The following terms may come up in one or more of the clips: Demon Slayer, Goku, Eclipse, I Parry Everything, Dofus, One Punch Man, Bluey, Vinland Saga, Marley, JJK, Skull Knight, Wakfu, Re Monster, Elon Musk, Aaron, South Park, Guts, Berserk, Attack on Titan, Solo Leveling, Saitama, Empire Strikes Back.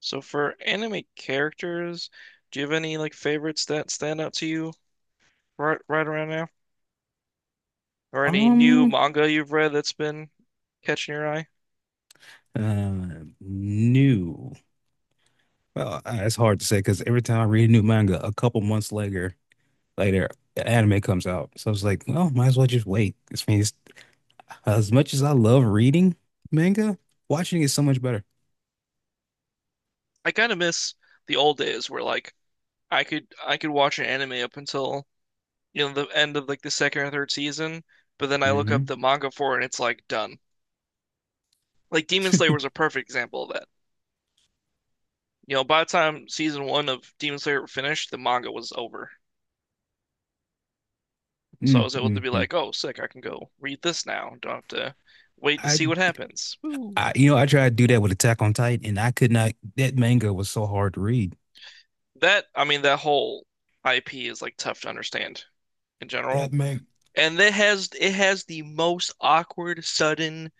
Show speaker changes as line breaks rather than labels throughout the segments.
So for anime characters, do you have any like favorites that stand out to you right around now? Or any new
Um,
manga you've read that's been catching your eye?
uh, New. Well, it's hard to say because every time I read a new manga, a couple months later, the anime comes out. So I was like, well, might as well just wait. This means as much as I love reading manga, watching is so much better.
I kind of miss the old days where like I could watch an anime up until you know the end of like the second or third season, but then I look up
Hmm.
the manga for it and it's like done. Like Demon Slayer was a perfect example of that. You know, by the time season one of Demon Slayer finished, the manga was over. So I
Mm.
was able to be
Mm-hmm.
like, oh, sick, I can go read this now. Don't have to wait to
I,
see what happens. Woo.
I I tried to do that with Attack on Titan, and I could not. That manga was so hard to read.
That, I mean, that whole IP is like tough to understand in
That
general.
manga,
And it has the most awkward sudden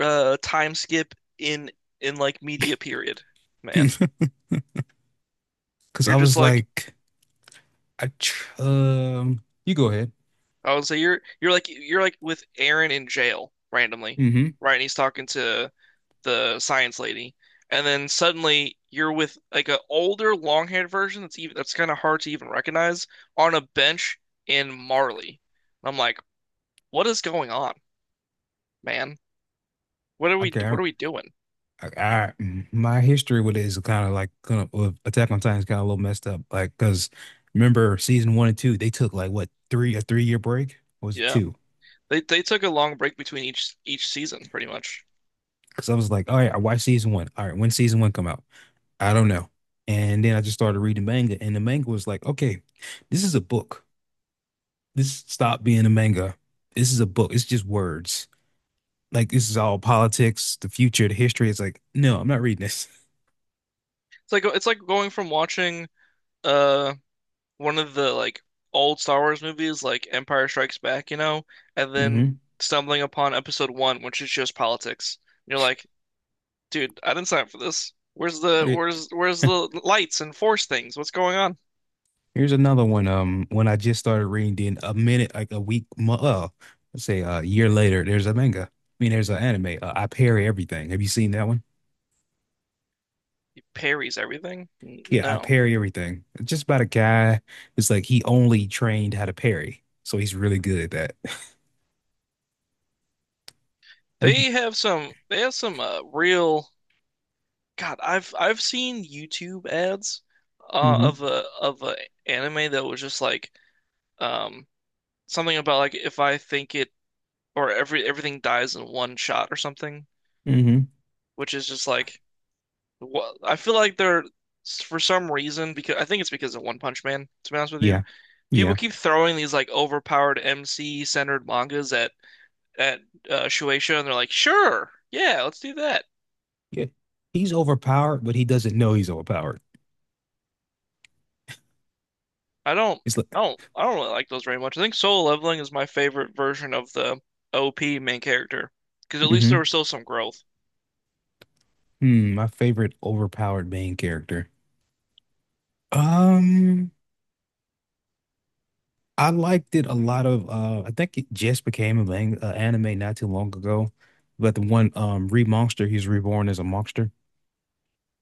time skip in in like media period, man.
because I
You're just
was
like
like, I, tr you go ahead.
I would say you're like with Aaron in jail randomly,
Mm-hmm.
right? And he's talking to the science lady, and then suddenly you're with like an older, long-haired version that's even that's kind of hard to even recognize on a bench in Marley. I'm like, what is going on, man? What are we
Okay, I,
what are we doing?
I, I my history with it is kind of like with Attack on Titan is kind of a little messed up. Like, cause remember season one and two, they took like what, three, a 3 year break? Or was it
Yeah,
two?
they took a long break between each season, pretty much.
Cause I was like, all right, I watched season one. All right, when season one come out, I don't know. And then I just started reading manga, and the manga was like, okay, this is a book. This stop being a manga. This is a book. It's just words. Like this is all politics, the future, the history. It's like, no, I'm not reading this.
It's like going from watching uh one of the like old Star Wars movies, like Empire Strikes Back, you know, and then
Hmm.
stumbling upon episode one, which is just politics. And you're like, dude, I didn't sign up for this. Where's the
Okay.
where's the lights and force things? What's going on?
Here's another one. When I just started reading, then a minute, like a week, let's say a year later, there's a manga. I mean, there's an anime. I Parry Everything. Have you seen that one?
He parries everything?
Yeah, I
No.
Parry Everything. It's just about a guy. It's like he only trained how to parry, so he's really good at that.
They have some real God, I've seen YouTube ads
Mm-hmm.
of a anime that was just like um something about like if I think it or everything dies in one shot or something,
Mm-hmm.
which is just like what I feel like they're for some reason because I think it's because of One Punch Man, to be honest with you.
Yeah.
People
Yeah.
keep throwing these like overpowered MC centered mangas at Shueisha, and they're like, sure, yeah, let's do that.
Yeah. He's overpowered, but he doesn't know he's overpowered.
I don't,
It's like,
I don't really like those very much. I think Solo Leveling is my favorite version of the OP main character because at least there was
mm-hmm.
still some growth.
Hmm, my favorite overpowered main character. Um. I liked it a lot of I think it just became a lang anime not too long ago. But the one Re Monster, he's reborn as a monster.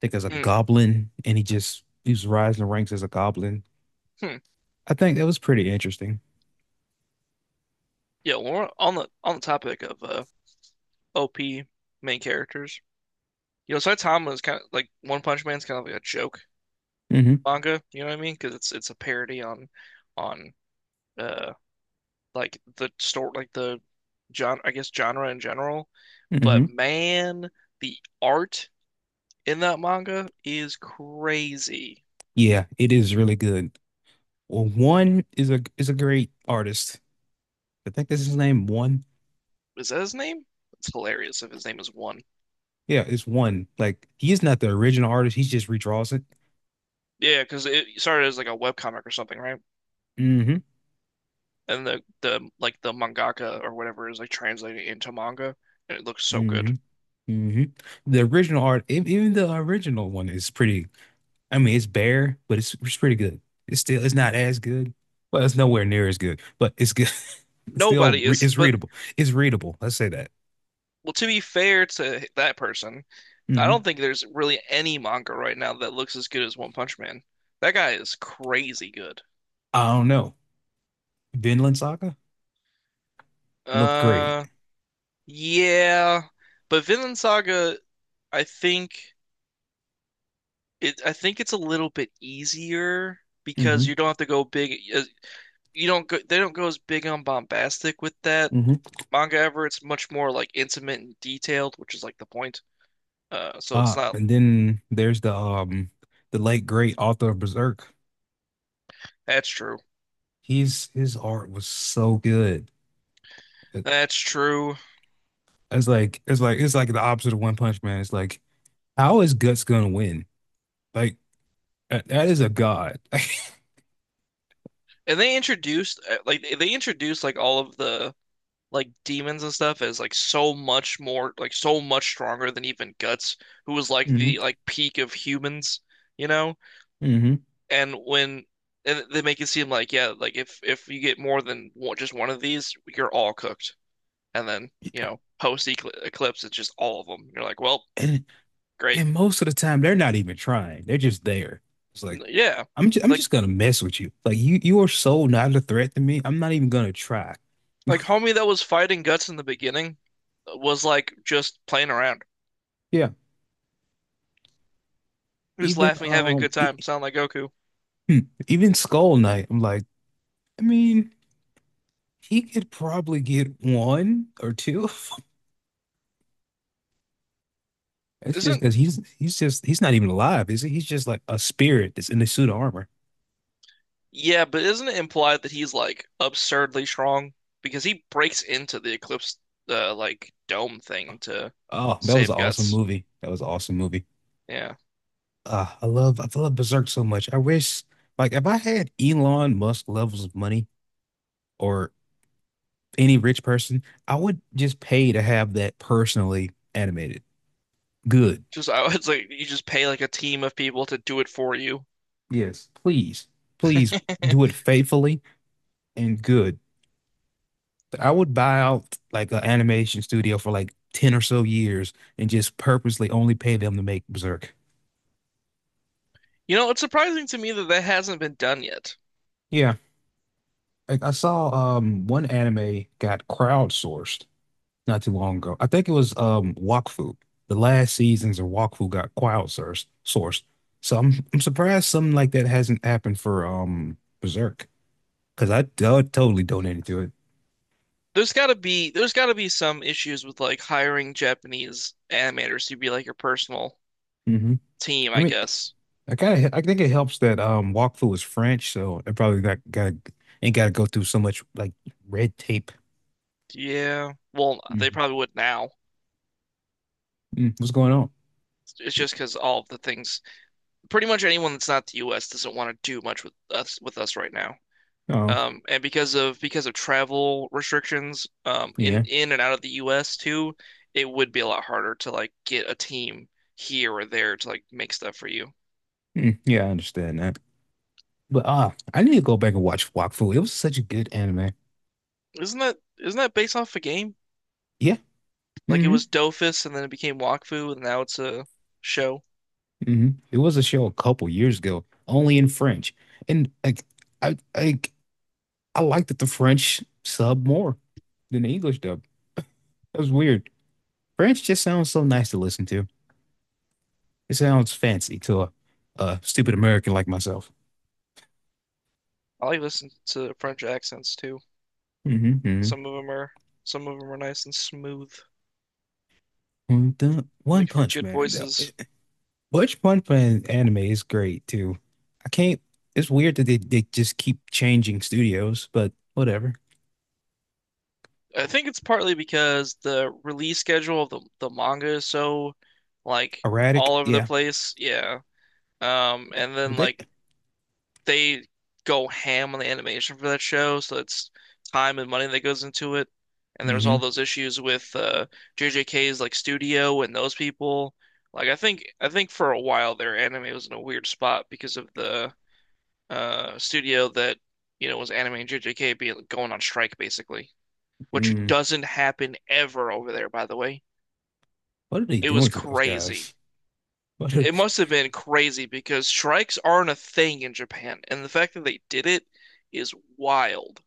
I think as a
Mm,
goblin and he's rising the ranks as a goblin.
hmm.
I think that was pretty interesting.
Yeah, well, on the topic of OP main characters, you know, Saitama is kind of like One Punch Man's kind of like a joke
Hmm.
manga. You know what I mean? Because it's a parody on on uh like the story, like the genre, I guess genre in general. But
Hmm.
man, the art in that manga is crazy.
Yeah, it is really good. Well, One is a great artist. I think that's his name, One.
Is that his name? It's hilarious if his name is one.
Yeah, it's One. Like he is not the original artist, he just redraws it.
Yeah, because it started as like a webcomic or something, right?
Hmm.
And the like the mangaka or whatever is like translating into manga, and it looks so good.
Hmm. Hmm. The original art, even the original one is pretty, I mean, it's bare, but it's pretty good. It's still, it's not as good. Well, it's nowhere near as good, but it's good. It's still
Nobody is,
it's
but
readable. It's readable. Let's say that.
well, to be fair to that person, I
Mm-hmm.
don't think there's really any manga right now that looks as good as One Punch Man. That guy is crazy good.
I don't know. Vinland Saga looked great.
Uh, yeah, but Vinland Saga, I think it. I think it's a little bit easier because
Mm-hmm.
you don't have to go big. You don't go. They don't go as big on bombastic with that
Mm-hmm.
manga ever. It's much more like intimate and detailed, which is like the point. So it's not.
And then there's the the late great author of Berserk.
That's true.
He's His art was so good. It-
That's true.
It's like it's like the opposite of One Punch Man. It's like how is Guts gonna win? Like that, that is a god.
And they introduced like they introduced like all of the like demons and stuff is like so much more like so much stronger than even Guts, who was like the
Mm-hmm.
like peak of humans, you know? And when and they make it seem like yeah, like if you get more than one, just one of these, you're all cooked. And then, you
Mm-hmm.
know, post eclipse it's just all of them. You're like, "Well, great."
And most of the time, they're not even trying. They're just there. It's like,
Yeah.
I'm
Like
just gonna mess with you. Like you are so not a threat to me. I'm not even gonna try.
like homie that was fighting Guts in the beginning was like just playing around.
Yeah.
He was
Even
laughing, having a good time, sound like Goku.
hmm, even Skull Knight. I'm like, I mean, he could probably get one or two. It's just
Isn't
because he's not even alive, is he? He's just like a spirit that's in a suit of armor.
yeah, but isn't it implied that he's like absurdly strong? Because he breaks into the Eclipse like dome thing to
Oh, that was
save
an awesome
Guts.
movie. That was an awesome movie.
Yeah.
I love Berserk so much. I wish, like, if I had Elon Musk levels of money, or any rich person, I would just pay to have that personally animated. Good.
Just I it's like you just pay like a team of people to do it for you.
Yes. Please, please do it faithfully and good. I would buy out like an animation studio for like 10 or so years and just purposely only pay them to make Berserk.
You know, it's surprising to me that that hasn't been done yet.
Yeah. Like I saw one anime got crowdsourced not too long ago. I think it was Wakfu. The last seasons of Wakfu got crowd source sourced. So I'm surprised something like that hasn't happened for Berserk because I totally donated to it.
There's gotta be some issues with like hiring Japanese animators to be like your personal
Hmm.
team,
I
I
mean,
guess.
I kind of I think it helps that Wakfu is French, so it probably got ain't got to go through so much like red tape.
Yeah. Well, they
Mhm.
probably would now.
Mm, what's going on?
It's just because all of the things pretty much anyone that's not the US doesn't want to do much with us right now.
Oh,
And because of travel restrictions, in
yeah.
and out of the US too, it would be a lot harder to like get a team here or there to like make stuff for you.
Mm, yeah, I understand that. But ah, I need to go back and watch Wakfu. It was such a good anime.
Isn't that based off a game?
Yeah.
Like it
Hmm.
was Dofus and then it became Wakfu and now it's a show.
Hmm. It was a show a couple years ago, only in French. And like, I like I liked that the French sub more than the English dub. That was weird. French just sounds so nice to listen to. It sounds fancy to a stupid American like myself.
I like listening to French accents too.
Mm-hmm.
Some of them are some of them are nice and smooth,
The One
make for
Punch
good
Man, though.
voices.
Which Punch Man anime is great too. I can't. It's weird that they just keep changing studios, but whatever.
I think it's partly because the release schedule of the manga is so like
Erratic,
all over the
yeah.
place. Yeah. And then
But they.
like they go ham on the animation for that show, so it's time and money that goes into it. And there's
Mm-hmm.
all those issues with JJK's like studio and those people. Like I think for a while their anime was in a weird spot because of the studio that, you know, was animating JJK being going on strike basically, which doesn't happen ever over there, by the way.
What are they
It was
doing to those guys?
crazy.
What are
It
they?
must have been crazy because strikes aren't a thing in Japan, and the fact that they did it is wild.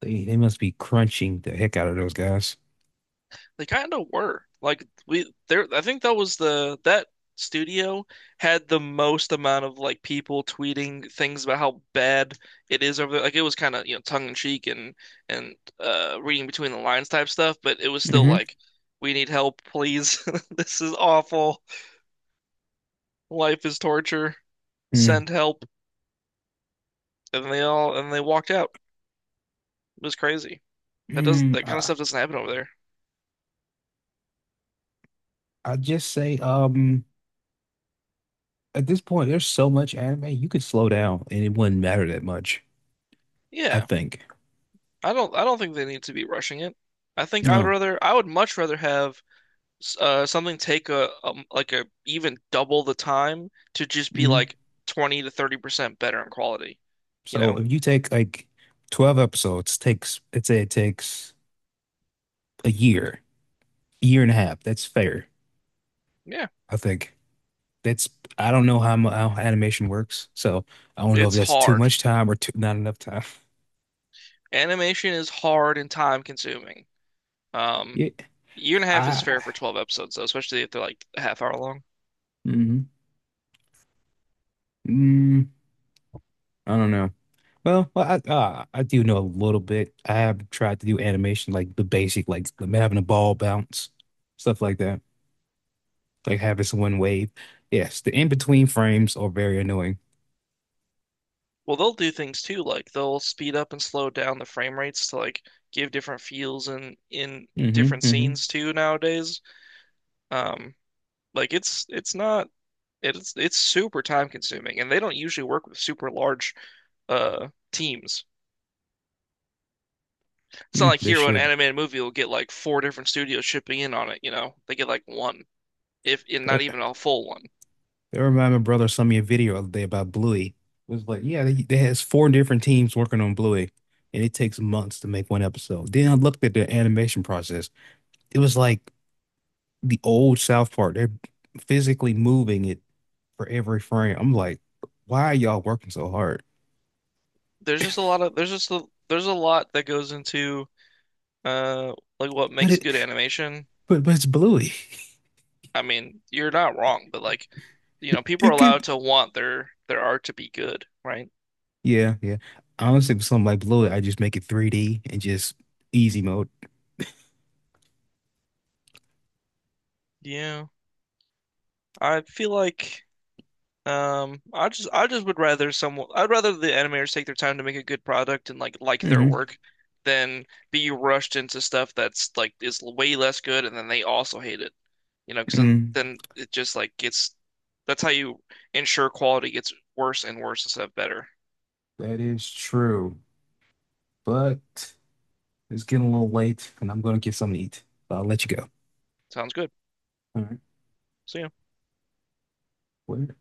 They must be crunching the heck out of those guys.
They kind of were. Like we there I think that was the that studio had the most amount of like people tweeting things about how bad it is over there. Like it was kind of, you know, tongue in cheek and reading between the lines type stuff, but it was still
Hmm.
like we need help, please. This is awful. Life is torture,
Mm.
send help, and they all and they walked out. It was crazy. That does
Mm.
that kind of stuff doesn't happen over there.
I just say, at this point, there's so much anime, you could slow down and it wouldn't matter that much, I
Yeah,
think.
I don't think they need to be rushing it. I would
No.
rather I would much rather have something take a, like a even double the time to just be
Hmm.
like 20 to 30% better in quality, you
So
know?
if you take like 12 episodes, takes, let's say it takes a year, year and a half. That's fair,
Yeah,
I think. That's, I don't know how animation works, so I don't know if
it's
that's too
hard.
much time or not enough time.
Animation is hard and time consuming. Um,
Yeah.
Year and a half is
I
fair for 12 episodes though, especially if they're like a half hour long.
hmm Mm, I don't know. Well, I do know a little bit. I have tried to do animation, like the basic, like having a ball bounce, stuff like that, like having someone wave. Yes, the in-between frames are very annoying.
Well, they'll do things too, like they'll speed up and slow down the frame rates to like give different feels in
Hmm.
different
Hmm.
scenes too nowadays. Um, like it's not it's it's super time consuming, and they don't usually work with super large teams. It's not
Mm,
like
they
here when an
should.
animated movie will get like four different studios shipping in on it, you know. They get like one, if and
Uh,
not even a full one.
That reminded, my brother sent me a video the other day about Bluey. It was like, yeah, they has 4 different teams working on Bluey, and it takes months to make one episode. Then I looked at the animation process. It was like the old South Park. They're physically moving it for every frame. I'm like, why are y'all working so hard?
There's just a lot of there's just a, There's a lot that goes into uh like what
But
makes
it,
good animation.
but but it's Bluey.
I mean, you're not wrong, but like, you know, people are
It
allowed
could,
to want their art to be good, right?
yeah, yeah. Honestly, for something like Bluey, I just make it 3D and just easy mode.
Yeah. I feel like I just would rather someone I'd rather the animators take their time to make a good product and like their
Hmm.
work than be rushed into stuff that's like is way less good and then they also hate it. You know, 'cause
Mm,
then it just like gets that's how you ensure quality gets worse and worse instead of better.
that is true. But it's getting a little late, and I'm gonna get something to eat. I'll let you go.
Sounds good.
All right.
See ya.
Where